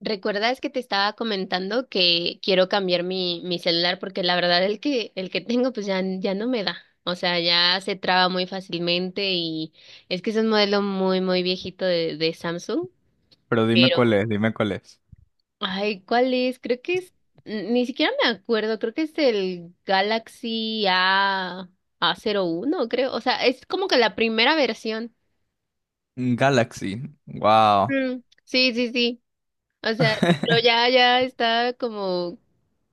¿Recuerdas que te estaba comentando que quiero cambiar mi celular? Porque la verdad el que tengo pues ya no me da. O sea, ya se traba muy fácilmente y es que es un modelo muy, muy viejito de Samsung. Pero dime cuál Pero, es, dime cuál es. ay, ¿cuál es? Creo que es, ni siquiera me acuerdo, creo que es el Galaxy A, a uno creo. O sea, es como que la primera versión. Mm, Galaxy. Wow. Mm, sí, sí, sí. O sea, pero ya está como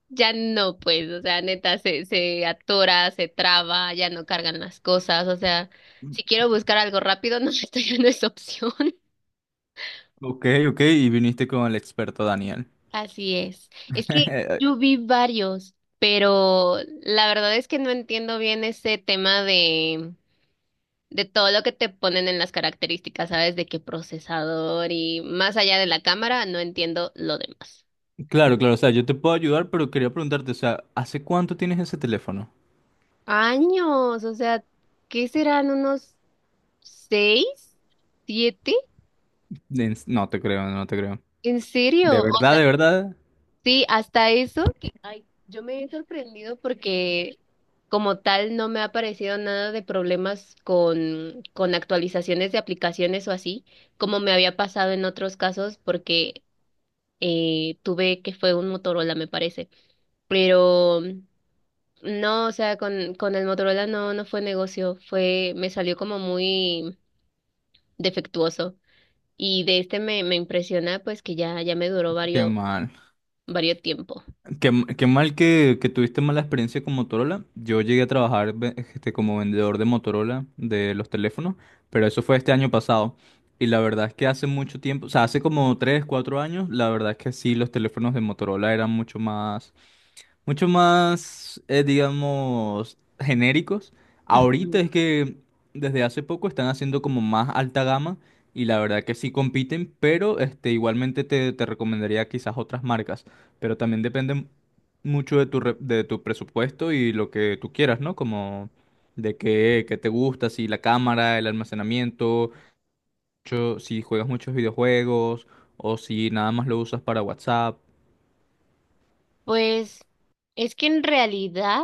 ya no, pues, o sea, neta, se atora, se traba, ya no cargan las cosas, o sea, si quiero buscar algo rápido, no, esto ya no es opción. Ok, ok, y viniste con el experto Daniel. Así es. Es que yo vi varios, pero la verdad es que no entiendo bien ese tema de todo lo que te ponen en las características, ¿sabes? De qué procesador y más allá de la cámara, no entiendo lo demás. Claro, claro, o sea, yo te puedo ayudar, pero quería preguntarte, o sea, ¿hace cuánto tienes ese teléfono? Años, o sea, ¿qué serán unos seis, siete? No te creo, no te creo. ¿En serio? ¿De O verdad, sea, de verdad? sí, hasta eso que, ay, yo me he sorprendido porque como tal no me ha aparecido nada de problemas con actualizaciones de aplicaciones o así, como me había pasado en otros casos porque tuve que fue un Motorola, me parece. Pero no, o sea, con el Motorola no, no fue negocio, fue, me salió como muy defectuoso. Y de este me impresiona pues que ya me duró Qué varios, mal. varios tiempo. Qué mal que tuviste mala experiencia con Motorola. Yo llegué a trabajar como vendedor de Motorola de los teléfonos, pero eso fue este año pasado. Y la verdad es que hace mucho tiempo, o sea, hace como 3, 4 años, la verdad es que sí, los teléfonos de Motorola eran mucho más, digamos, genéricos. Ahorita es que desde hace poco están haciendo como más alta gama y la verdad que sí compiten, pero este, igualmente te recomendaría quizás otras marcas, pero también depende mucho de tu de tu presupuesto y lo que tú quieras, ¿no? Como de qué, qué te gusta, si la cámara, el almacenamiento, si juegas muchos videojuegos o si nada más lo usas para WhatsApp. Pues es que en realidad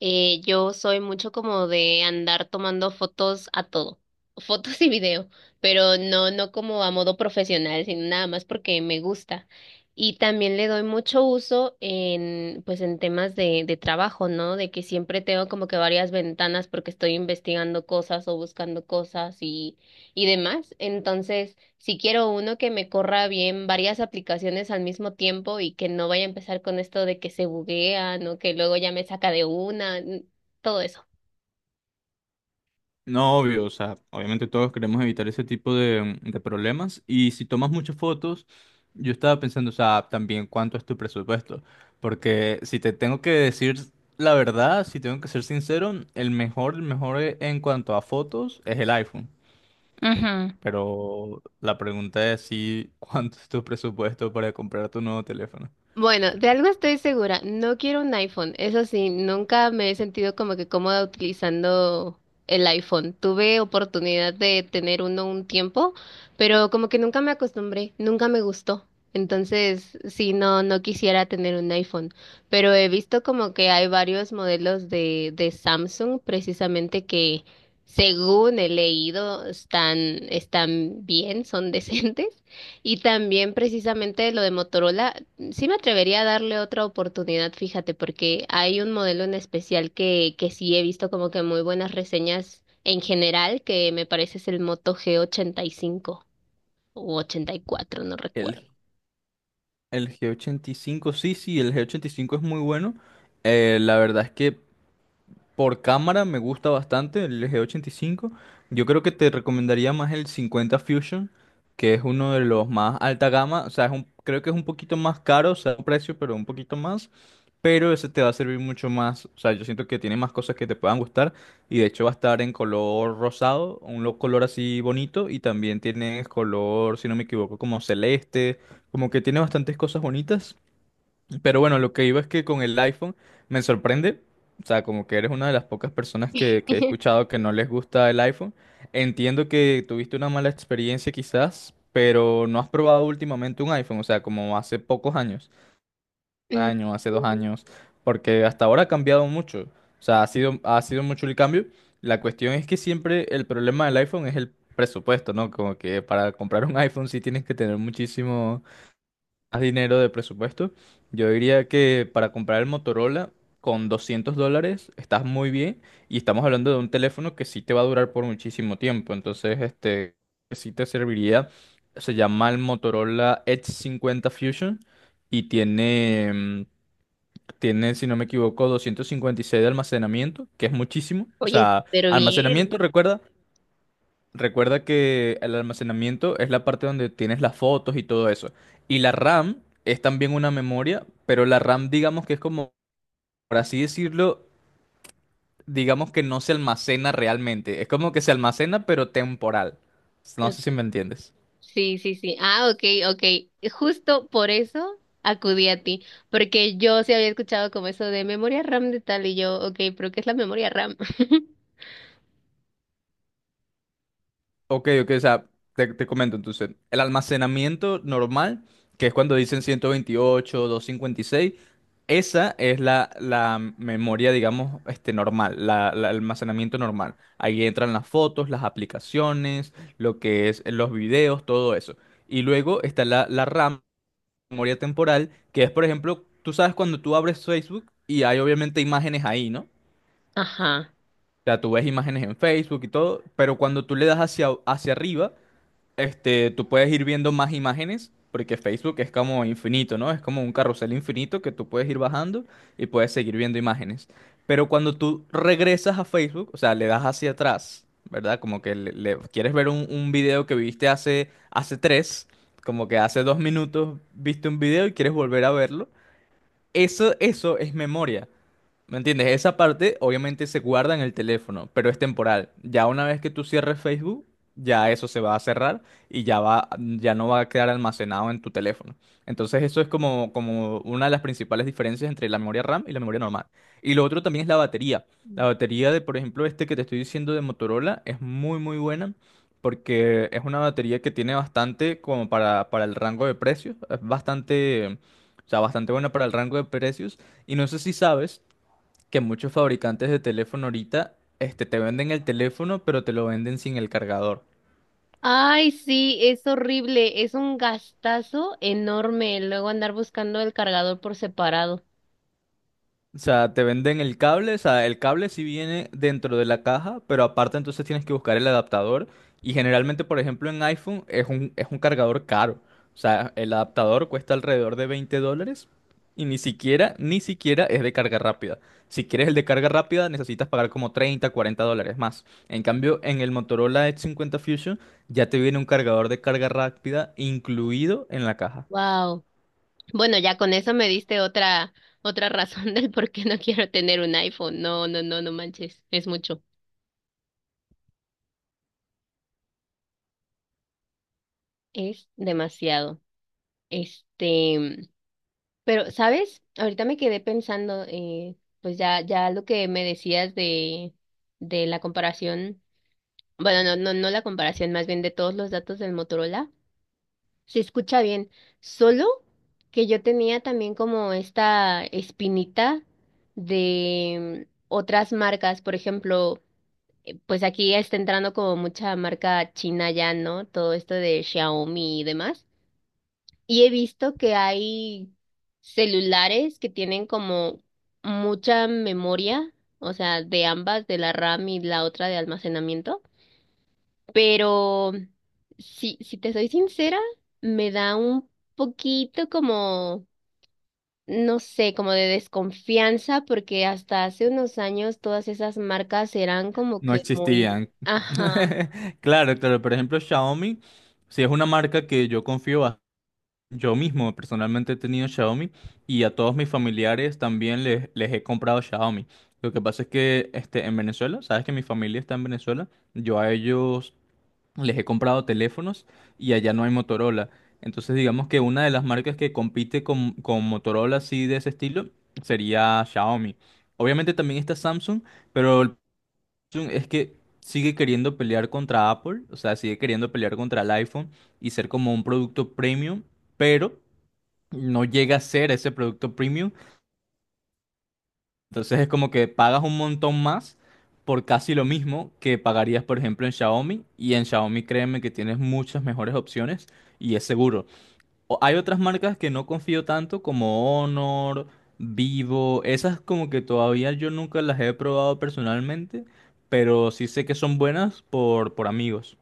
yo soy mucho como de andar tomando fotos a todo, fotos y video, pero no, no como a modo profesional, sino nada más porque me gusta. Y también le doy mucho uso pues en temas de trabajo, ¿no? De que siempre tengo como que varias ventanas porque estoy investigando cosas o buscando cosas y demás. Entonces, si quiero uno que me corra bien varias aplicaciones al mismo tiempo y que no vaya a empezar con esto de que se buguean o que luego ya me saca de una, todo eso. No, obvio, o sea, obviamente todos queremos evitar ese tipo de problemas, y si tomas muchas fotos, yo estaba pensando, o sea, también cuánto es tu presupuesto, porque si te tengo que decir la verdad, si tengo que ser sincero, el mejor, el mejor en cuanto a fotos es el iPhone, Ujú. pero la pregunta es si cuánto es tu presupuesto para comprar tu nuevo teléfono. Bueno, de algo estoy segura, no quiero un iPhone. Eso sí, nunca me he sentido como que cómoda utilizando el iPhone. Tuve oportunidad de tener uno un tiempo, pero como que nunca me acostumbré, nunca me gustó. Entonces, sí, no, no quisiera tener un iPhone, pero he visto como que hay varios modelos de Samsung precisamente que, según he leído, están bien, son decentes. Y también precisamente lo de Motorola. Sí me atrevería a darle otra oportunidad, fíjate, porque hay un modelo en especial que sí he visto como que muy buenas reseñas en general, que me parece es el Moto G85 o 84, no recuerdo. El, el G85, sí, sí, el G85 es muy bueno. La verdad es que por cámara me gusta bastante el G85. Yo creo que te recomendaría más el 50 Fusion, que es uno de los más alta gama. O sea, creo que es un poquito más caro, o sea, un precio, pero un poquito más. Pero ese te va a servir mucho más. O sea, yo siento que tiene más cosas que te puedan gustar. Y de hecho va a estar en color rosado, un color así bonito. Y también tiene color, si no me equivoco, como celeste. Como que tiene bastantes cosas bonitas. Pero bueno, lo que iba es que con el iPhone me sorprende, o sea, como que eres una de las pocas personas que he escuchado que no les gusta el iPhone. Entiendo que tuviste una mala experiencia quizás, pero no has probado últimamente un iPhone, o sea, como hace pocos años, un Mm. año, hace dos años, porque hasta ahora ha cambiado mucho, o sea, ha sido mucho el cambio. La cuestión es que siempre el problema del iPhone es el presupuesto, ¿no? Como que para comprar un iPhone sí tienes que tener muchísimo más dinero de presupuesto, yo diría que para comprar el Motorola con $200 estás muy bien y estamos hablando de un teléfono que sí te va a durar por muchísimo tiempo. Entonces, este, que sí te serviría. Se llama el Motorola Edge 50 Fusion y tiene, tiene, si no me equivoco, 256 de almacenamiento, que es muchísimo. O Oye, sea, pero bien. almacenamiento, recuerda, recuerda que el almacenamiento es la parte donde tienes las fotos y todo eso. Y la RAM es también una memoria, pero la RAM digamos que es como, por así decirlo, digamos que no se almacena realmente. Es como que se almacena pero temporal. No Ok, sé si me entiendes. sí, sí, sí. Ah, ok, ok. Justo por eso acudí a ti, porque yo sí había escuchado como eso de memoria RAM de tal y yo, ok, pero ¿qué es la memoria RAM? Ok, ok, o sea, te comento entonces, el almacenamiento normal, que es cuando dicen 128, 256, esa es la, la memoria, digamos, este, normal, la el almacenamiento normal. Ahí entran las fotos, las aplicaciones, lo que es los videos, todo eso. Y luego está la RAM, memoria temporal, que es, por ejemplo, tú sabes cuando tú abres Facebook y hay obviamente imágenes ahí, ¿no? O Ajá. sea, tú ves imágenes en Facebook y todo, pero cuando tú le das hacia, hacia arriba este, tú puedes ir viendo más imágenes, porque Facebook es como infinito, ¿no? Es como un carrusel infinito que tú puedes ir bajando y puedes seguir viendo imágenes. Pero cuando tú regresas a Facebook, o sea, le das hacia atrás, ¿verdad? Como que quieres ver un video que viste hace, hace tres, como que hace dos minutos viste un video y quieres volver a verlo. Eso es memoria. ¿Me entiendes? Esa parte obviamente se guarda en el teléfono, pero es temporal. Ya una vez que tú cierres Facebook, ya eso se va a cerrar y ya va, ya no va a quedar almacenado en tu teléfono. Entonces eso es como, como una de las principales diferencias entre la memoria RAM y la memoria normal. Y lo otro también es la batería. La batería de, por ejemplo, este que te estoy diciendo de Motorola es muy, muy buena porque es una batería que tiene bastante como para el rango de precios. Es bastante, o sea, bastante buena para el rango de precios. Y no sé si sabes que muchos fabricantes de teléfono ahorita, este, te venden el teléfono, pero te lo venden sin el cargador. Ay, sí, es horrible, es un gastazo enorme luego andar buscando el cargador por separado. O sea, te venden el cable, o sea, el cable sí viene dentro de la caja, pero aparte entonces tienes que buscar el adaptador. Y generalmente, por ejemplo, en iPhone es un cargador caro. O sea, el adaptador cuesta alrededor de $20 y ni siquiera, ni siquiera es de carga rápida. Si quieres el de carga rápida, necesitas pagar como 30, $40 más. En cambio, en el Motorola Edge 50 Fusion ya te viene un cargador de carga rápida incluido en la caja. Wow. Bueno, ya con eso me diste otra razón del por qué no quiero tener un iPhone. No, no, no, no manches, es mucho. Es demasiado. Este, pero ¿sabes? Ahorita me quedé pensando, pues ya lo que me decías de la comparación, bueno, no no no la comparación, más bien de todos los datos del Motorola. Se escucha bien. Solo que yo tenía también como esta espinita de otras marcas, por ejemplo, pues aquí está entrando como mucha marca china ya, ¿no? Todo esto de Xiaomi y demás. Y he visto que hay celulares que tienen como mucha memoria, o sea, de ambas, de la RAM y la otra de almacenamiento. Pero si te soy sincera, me da un poquito como, no sé, como de desconfianza, porque hasta hace unos años todas esas marcas eran como No que muy, existían. ajá, Claro, claro. Por ejemplo, Xiaomi, si es una marca que yo confío a, yo mismo personalmente he tenido Xiaomi y a todos mis familiares también les he comprado Xiaomi. Lo que pasa es que este, en Venezuela, sabes que mi familia está en Venezuela, yo a ellos les he comprado teléfonos y allá no hay Motorola. Entonces digamos que una de las marcas que compite con Motorola así de ese estilo sería Xiaomi. Obviamente también está Samsung. Pero Samsung es que sigue queriendo pelear contra Apple, o sea, sigue queriendo pelear contra el iPhone y ser como un producto premium, pero no llega a ser ese producto premium. Entonces es como que pagas un montón más por casi lo mismo que pagarías, por ejemplo, en Xiaomi. Y en Xiaomi, créeme que tienes muchas mejores opciones y es seguro. O- hay otras marcas que no confío tanto como Honor, Vivo, esas como que todavía yo nunca las he probado personalmente, pero sí sé que son buenas por amigos.